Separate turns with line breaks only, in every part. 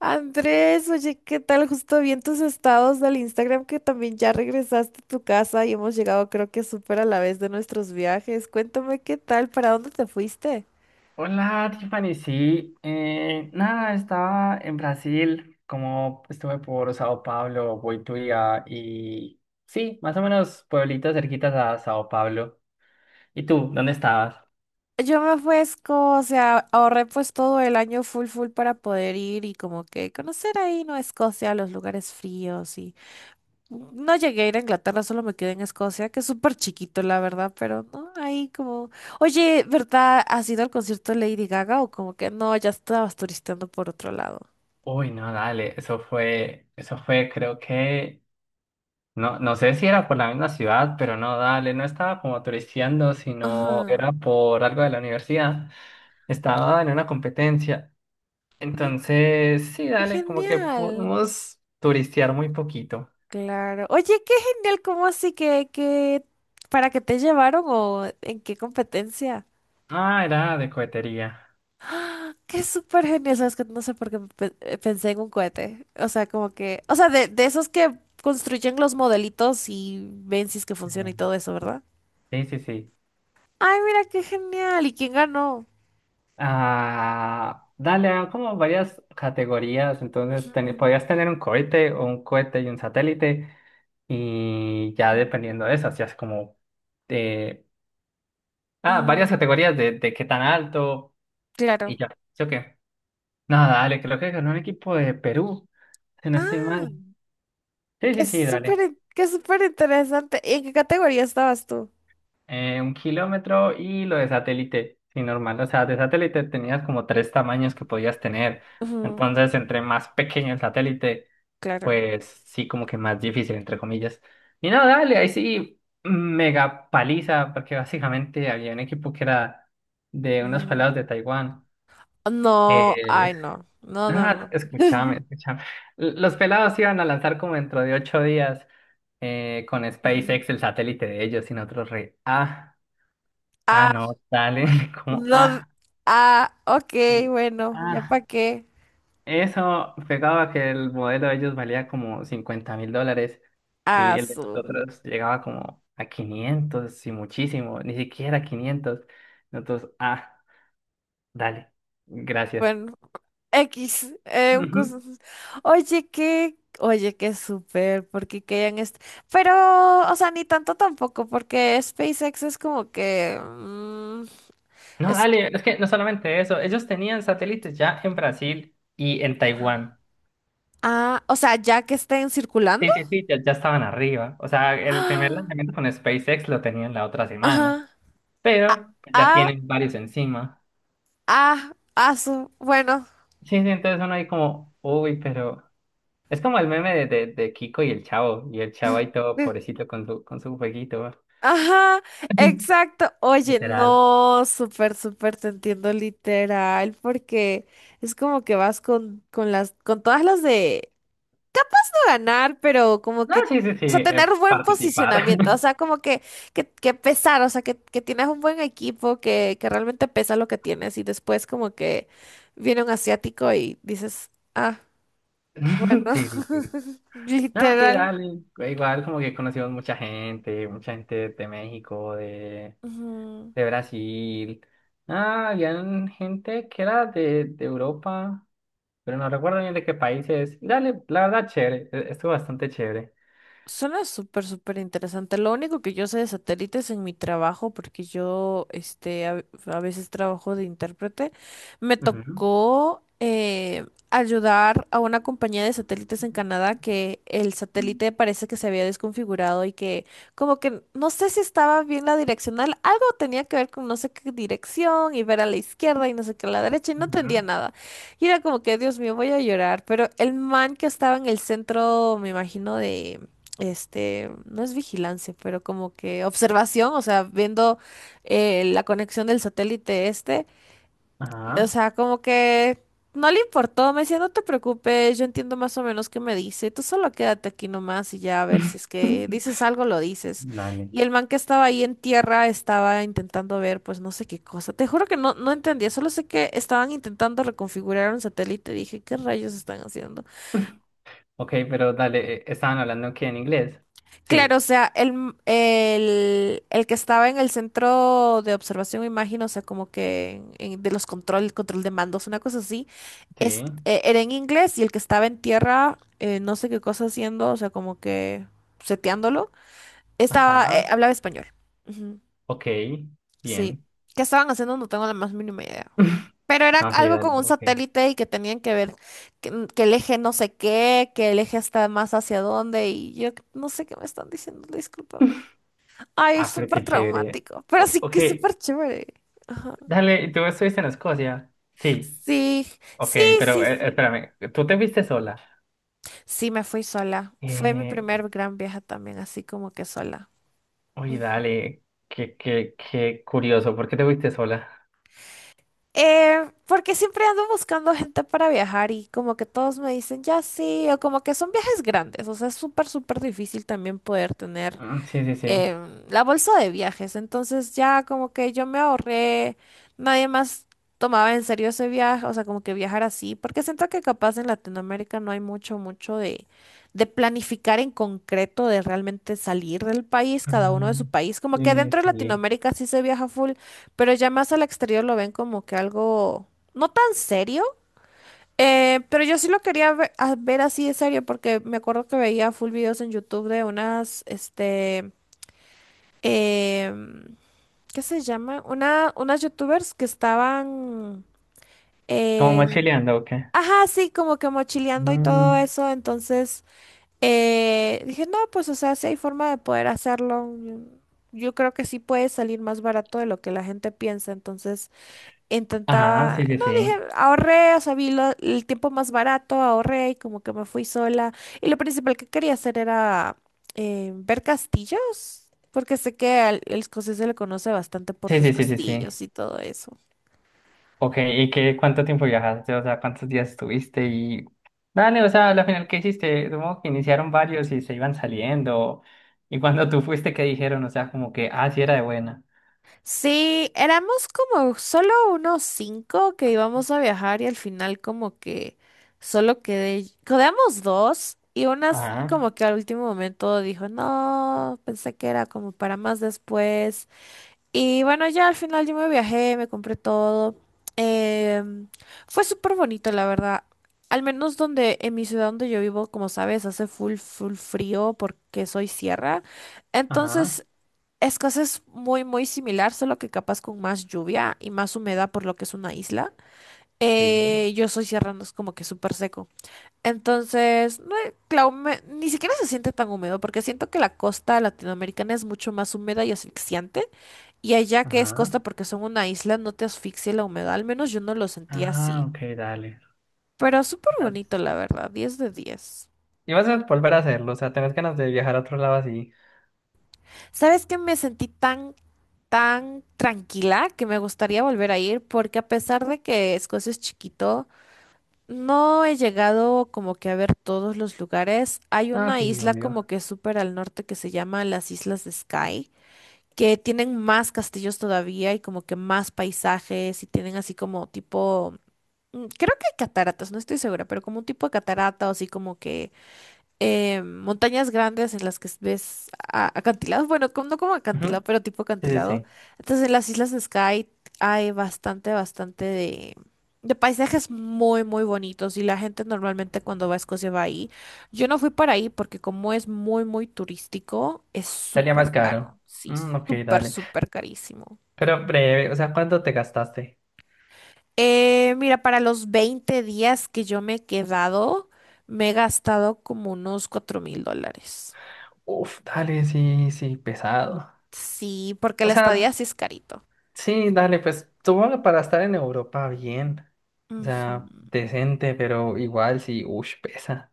Andrés, oye, ¿qué tal? Justo vi en tus estados del Instagram que también ya regresaste a tu casa y hemos llegado creo que súper a la vez de nuestros viajes. Cuéntame qué tal, ¿para dónde te fuiste?
Hola, Tiffany. Sí, nada, estaba en Brasil, como estuve por Sao Paulo, Boituva y sí, más o menos pueblitos cerquitas a Sao Paulo. ¿Y tú, dónde estabas?
Yo me fui a Escocia, ahorré pues todo el año full full para poder ir y como que conocer ahí, ¿no? Escocia, los lugares fríos y no llegué a ir a Inglaterra, solo me quedé en Escocia, que es súper chiquito la verdad, pero no, ahí como... Oye, ¿verdad? ¿Has ido al concierto de Lady Gaga o como que no, ya estabas turisteando por otro lado?
Uy, no, dale, eso fue, creo que, no, no sé si era por la misma ciudad, pero no, dale, no estaba como turisteando, sino
Ajá.
era por algo de la universidad. Estaba en una competencia.
Mm,
Entonces, sí,
¡qué
dale, como que
genial!
pudimos turistear muy poquito.
Claro. Oye, qué genial, ¿cómo así que para qué te llevaron o en qué competencia?
Ah, era de cohetería.
Qué súper genial, sabes que no sé por qué pensé en un cohete. O sea, como que, o sea, de esos que construyen los modelitos y ven si es que funciona
Ah,
y todo eso, ¿verdad?
sí, sí, sí.
Ay, mira, qué genial. ¿Y quién ganó?
Ah, dale, ah, como varias categorías. Entonces,
Ujú,
podías tener un cohete o un cohete y un satélite. Y ya
ujú,
dependiendo de eso, hacías como eh, ah,
ujú,
varias categorías de, qué tan alto y
claro.
ya. ¿Sí o qué? Nada, dale, creo que ganó un equipo de Perú, si no estoy mal.
Ah,
Sí,
qué
sí, sí,
súper,
dale.
qué súper interesante. ¿Y en qué categoría estabas tú?
1 kilómetro y lo de satélite, sí, normal. O sea, de satélite tenías como tres tamaños que podías tener. Entonces, entre más pequeño el satélite,
Claro.
pues sí, como que más difícil, entre comillas. Y no, dale, ahí sí, mega paliza, porque básicamente había un equipo que era de unos
Ujú.
pelados de Taiwán.
No,
Eh,
ay, no. No, no,
nada,
no.
escúchame, escúchame. Los pelados iban a lanzar como dentro de 8 días con
Ujú.
SpaceX el satélite de ellos y nosotros re. Ah. Ah,
Ah,
no, dale, como,
no.
ah,
Ah, ok,
sí,
bueno, ya
ah,
para qué.
eso pegaba que el modelo de ellos valía como $50.000 y
Ah,
el de
su.
nosotros llegaba como a 500 y muchísimo, ni siquiera 500. Entonces, ah, dale, gracias.
Bueno, X. Un
Ujú.
oye, qué. Oye, qué súper, porque que hayan pero, o sea, ni tanto tampoco, porque SpaceX es como que. Mm,
No,
es.
dale, es que no solamente eso, ellos tenían satélites ya en Brasil y en Taiwán.
Ah, o sea, ya que estén circulando.
Sí, sí, sí, ya, ya estaban arriba. O sea, el primer lanzamiento con SpaceX lo tenían la otra semana.
Ajá. Ah,
Pero pues, ya
ah,
tienen varios encima.
ah, ah, su. Bueno.
Sí, sí, entonces uno ahí como, uy, pero es como el meme de, Kiko y el chavo ahí todo pobrecito con su, jueguito.
Ajá, exacto. Oye,
Literal.
no, súper, súper te entiendo literal, porque es como que vas con las, con todas las de no ganar, pero como
No,
que,
sí, sí, sí,
o sea, tener un buen
participar.
posicionamiento, o sea, como que pesar, o sea, que tienes un buen equipo, que realmente pesa lo que tienes, y después como que viene un asiático y dices, ah, bueno,
Sí, sí, sí. No, sí,
literal.
dale. Igual como que conocimos mucha gente de México, de,
Ujú.
Brasil. Ah, habían gente que era de, Europa, pero no recuerdo bien de qué países. Y dale, la verdad, chévere. Estuvo bastante chévere.
Suena súper, súper interesante. Lo único que yo sé de satélites en mi trabajo, porque yo este, a veces trabajo de intérprete, me
Ujú,
tocó ayudar a una compañía de satélites en Canadá que el satélite parece que se había desconfigurado y que como que no sé si estaba bien la direccional, algo tenía que ver con no sé qué dirección y ver a la izquierda y no sé qué a la derecha y no entendía
ujú,
nada. Y era como que, Dios mío, voy a llorar, pero el man que estaba en el centro, me imagino, de este, no es vigilancia, pero como que observación, o sea, viendo la conexión del satélite este, o
ajá.
sea, como que no le importó, me decía, no te preocupes, yo entiendo más o menos qué me dice, tú solo quédate aquí nomás y ya a ver si es que dices algo, lo dices.
Dale.
Y el man que estaba ahí en tierra estaba intentando ver, pues no sé qué cosa, te juro que no, no entendía, solo sé que estaban intentando reconfigurar un satélite, dije, ¿qué rayos están haciendo?
Ok, pero dale, estaban hablando que en inglés.
Claro, o
Sí,
sea, el que estaba en el centro de observación, me imagino, o sea, como que de los control, control de mandos, una cosa así,
sí.
es, era en inglés y el que estaba en tierra, no sé qué cosa haciendo, o sea, como que seteándolo, estaba,
Ajá.
hablaba español. Ujú,
Ok,
sí.
bien.
¿Qué estaban haciendo? No tengo la más mínima idea. Pero era
No, sí,
algo
dale,
con un
ok.
satélite y que tenían que ver que el eje no sé qué, que el eje está más hacia dónde y yo no sé qué me están diciendo, disculpa. Ay, es
Ah, pero
súper
qué chévere.
traumático, pero
O-
sí
ok,
que es súper chévere. Ajá.
dale, ¿y tú estuviste en Escocia? Sí,
Sí,
ok,
sí,
pero
sí, sí.
espérame, ¿tú te fuiste sola?
Sí, me fui sola. Fue mi
Eh,
primer gran viaje también, así como que sola.
oye,
Mm.
dale, qué, qué curioso, ¿por qué te fuiste sola?
Porque siempre ando buscando gente para viajar y como que todos me dicen, ya sí, o como que son viajes grandes, o sea, es súper, súper difícil también poder tener
Ah, sí, sí, sí.
la bolsa de viajes. Entonces ya como que yo me ahorré, nadie más tomaba en serio ese viaje, o sea, como que viajar así, porque siento que capaz en Latinoamérica no hay mucho, mucho de planificar en concreto, de realmente salir del país, cada uno de su
Mm,
país. Como que
sí,
dentro de
sí.
Latinoamérica sí se viaja full, pero ya más al exterior lo ven como que algo no tan serio. Pero yo sí lo quería ver, así de serio porque me acuerdo que veía full videos en YouTube de unas, este, eh, ¿qué se llama? Unas youtubers que estaban,
¿Como
eh,
mochileando o qué?
ajá, sí, como que mochileando y todo
Mm,
eso, entonces dije, no, pues o sea, si hay forma de poder hacerlo, yo creo que sí puede salir más barato de lo que la gente piensa, entonces
ah,
intentaba,
sí, sí,
no dije,
sí.
ahorré, o sea, el tiempo más barato, ahorré y como que me fui sola. Y lo principal que quería hacer era ver castillos, porque sé que al, el escocés se le conoce bastante por
Sí,
sus
sí, sí, sí, sí.
castillos y todo eso.
Ok, ¿y qué, cuánto tiempo viajaste? O sea, ¿cuántos días estuviste? Y dale, o sea, al final, ¿qué hiciste? Supongo que iniciaron varios y se iban saliendo. Y cuando tú fuiste, ¿qué dijeron? O sea, como que, ah, sí era de buena.
Sí, éramos como solo unos cinco que íbamos a viajar y al final como que solo quedé, quedamos dos y unas
Ajá,
como que al último momento dijo, no, pensé que era como para más después. Y bueno, ya al final yo me viajé, me compré todo. Em, Fue súper bonito, la verdad. Al menos donde, en mi ciudad donde yo vivo, como sabes, hace full, full frío porque soy sierra.
ajá,
Entonces, es casi es muy, muy similar, solo que capaz con más lluvia y más humedad por lo que es una isla.
sí,
Yo soy sierra, no es como que súper seco. Entonces, no, ni siquiera se siente tan húmedo porque siento que la costa latinoamericana es mucho más húmeda y asfixiante. Y allá que es costa
ajá.
porque son una isla, no te asfixia la humedad, al menos yo no lo sentí así.
Ah, ok, dale.
Pero súper
Dale.
bonito, la verdad, 10 de 10.
Y vas a volver a hacerlo, o sea, tenés ganas de viajar a otro lado así.
¿Sabes qué? Me sentí tan, tan tranquila que me gustaría volver a ir porque a pesar de que Escocia es chiquito, no he llegado como que a ver todos los lugares. Hay
Ah,
una
sí,
isla
obvio.
como que súper al norte que se llama las Islas de Skye, que tienen más castillos todavía y como que más paisajes y tienen así como tipo. Mm, creo que hay cataratas, no estoy segura, pero como un tipo de catarata o así como que montañas grandes en las que ves acantilados, bueno, no como acantilado,
Ujú,
pero tipo
sí, sí,
acantilado.
sí.
Entonces en las islas de Skye hay bastante, bastante de paisajes muy, muy bonitos y la gente normalmente cuando va a Escocia va ahí. Yo no fui para ahí porque como es muy, muy turístico, es
Salía más
súper
caro.
caro, sí,
Mm, ok,
súper,
dale.
súper carísimo.
Pero breve, o sea, ¿cuánto te gastaste?
Mira, para los 20 días que yo me he quedado, me he gastado como unos $4.000.
Uf, dale, sí, sí, pesado.
Sí, porque
O
la
sea,
estadía sí es carito.
sí, dale, pues supongo para estar en Europa bien. O
Ujú.
sea, decente, pero igual sí, uff, pesa.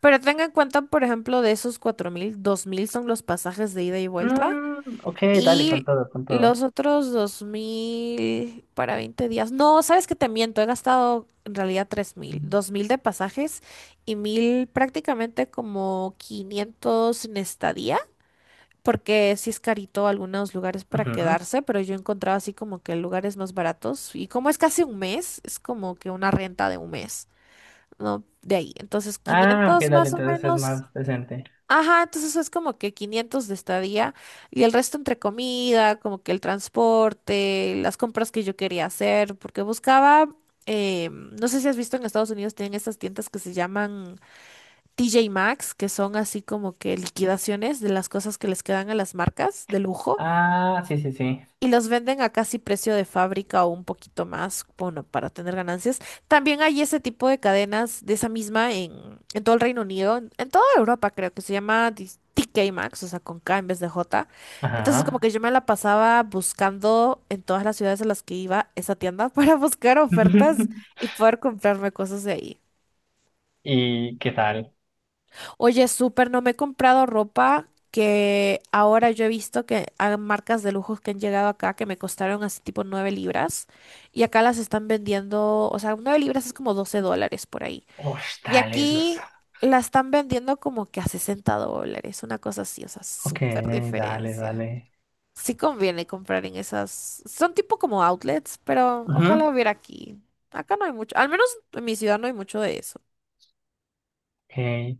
Pero tenga en cuenta, por ejemplo, de esos 4.000, 2.000 son los pasajes de ida y vuelta
Mm, ok, dale, con
y
todo, con todo.
los otros 2.000 para 20 días. No, sabes que te miento, he gastado en realidad 3.000, 2.000 de pasajes y 1.000 prácticamente como 500 en estadía porque sí es carito algunos lugares para
Ujú.
quedarse, pero yo he encontrado así como que lugares más baratos. Y como es casi un mes, es como que una renta de un mes, ¿no? De ahí. Entonces,
Ah, ok,
500
dale,
más o
entonces es
menos.
más decente.
Ajá, entonces es como que 500 de estadía y el resto entre comida, como que el transporte, las compras que yo quería hacer, porque buscaba, no sé si has visto en Estados Unidos tienen estas tiendas que se llaman TJ Maxx, que son así como que liquidaciones de las cosas que les quedan a las marcas de lujo
Ah, sí, sí, sí.
y los venden a casi precio de fábrica o un poquito más, bueno, para tener ganancias. También hay ese tipo de cadenas de esa misma en todo el Reino Unido, en toda Europa creo que se llama TK Maxx, o sea, con K en vez de J. Entonces como
Ajá.
que yo me la pasaba buscando en todas las ciudades a las que iba esa tienda para buscar ofertas y poder comprarme cosas de ahí.
¿Y qué tal?
Oye, súper, no me he comprado ropa que ahora yo he visto que hay marcas de lujos que han llegado acá que me costaron así tipo 9 libras y acá las están vendiendo, o sea, 9 libras es como $12 por ahí.
Uf,
Y
dale, eso es-
aquí la están vendiendo como que a $60, una cosa así, o sea,
Ok,
súper
dale,
diferencia.
dale.
Sí conviene comprar en esas, son tipo como outlets, pero
Ujú.
ojalá hubiera aquí. Acá no hay mucho, al menos en mi ciudad no hay mucho de eso.
Ok.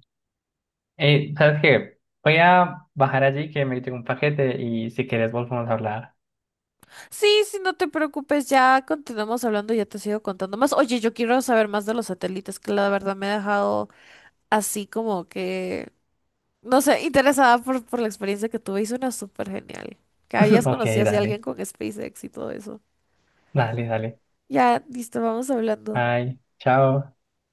Ey, ¿sabes qué? Voy a bajar allí que me llegó un paquete y si quieres volvemos a hablar.
Sí, sí, no te preocupes, ya continuamos hablando, ya te sigo contando más. Oye, yo quiero saber más de los satélites, que la verdad me ha dejado así como que, no sé, interesada por la experiencia que tuve y suena súper genial. Que habías
Ok,
conocido así a alguien
dale,
con SpaceX y todo eso.
dale, dale.
Ya, listo, vamos hablando.
Ay, chao.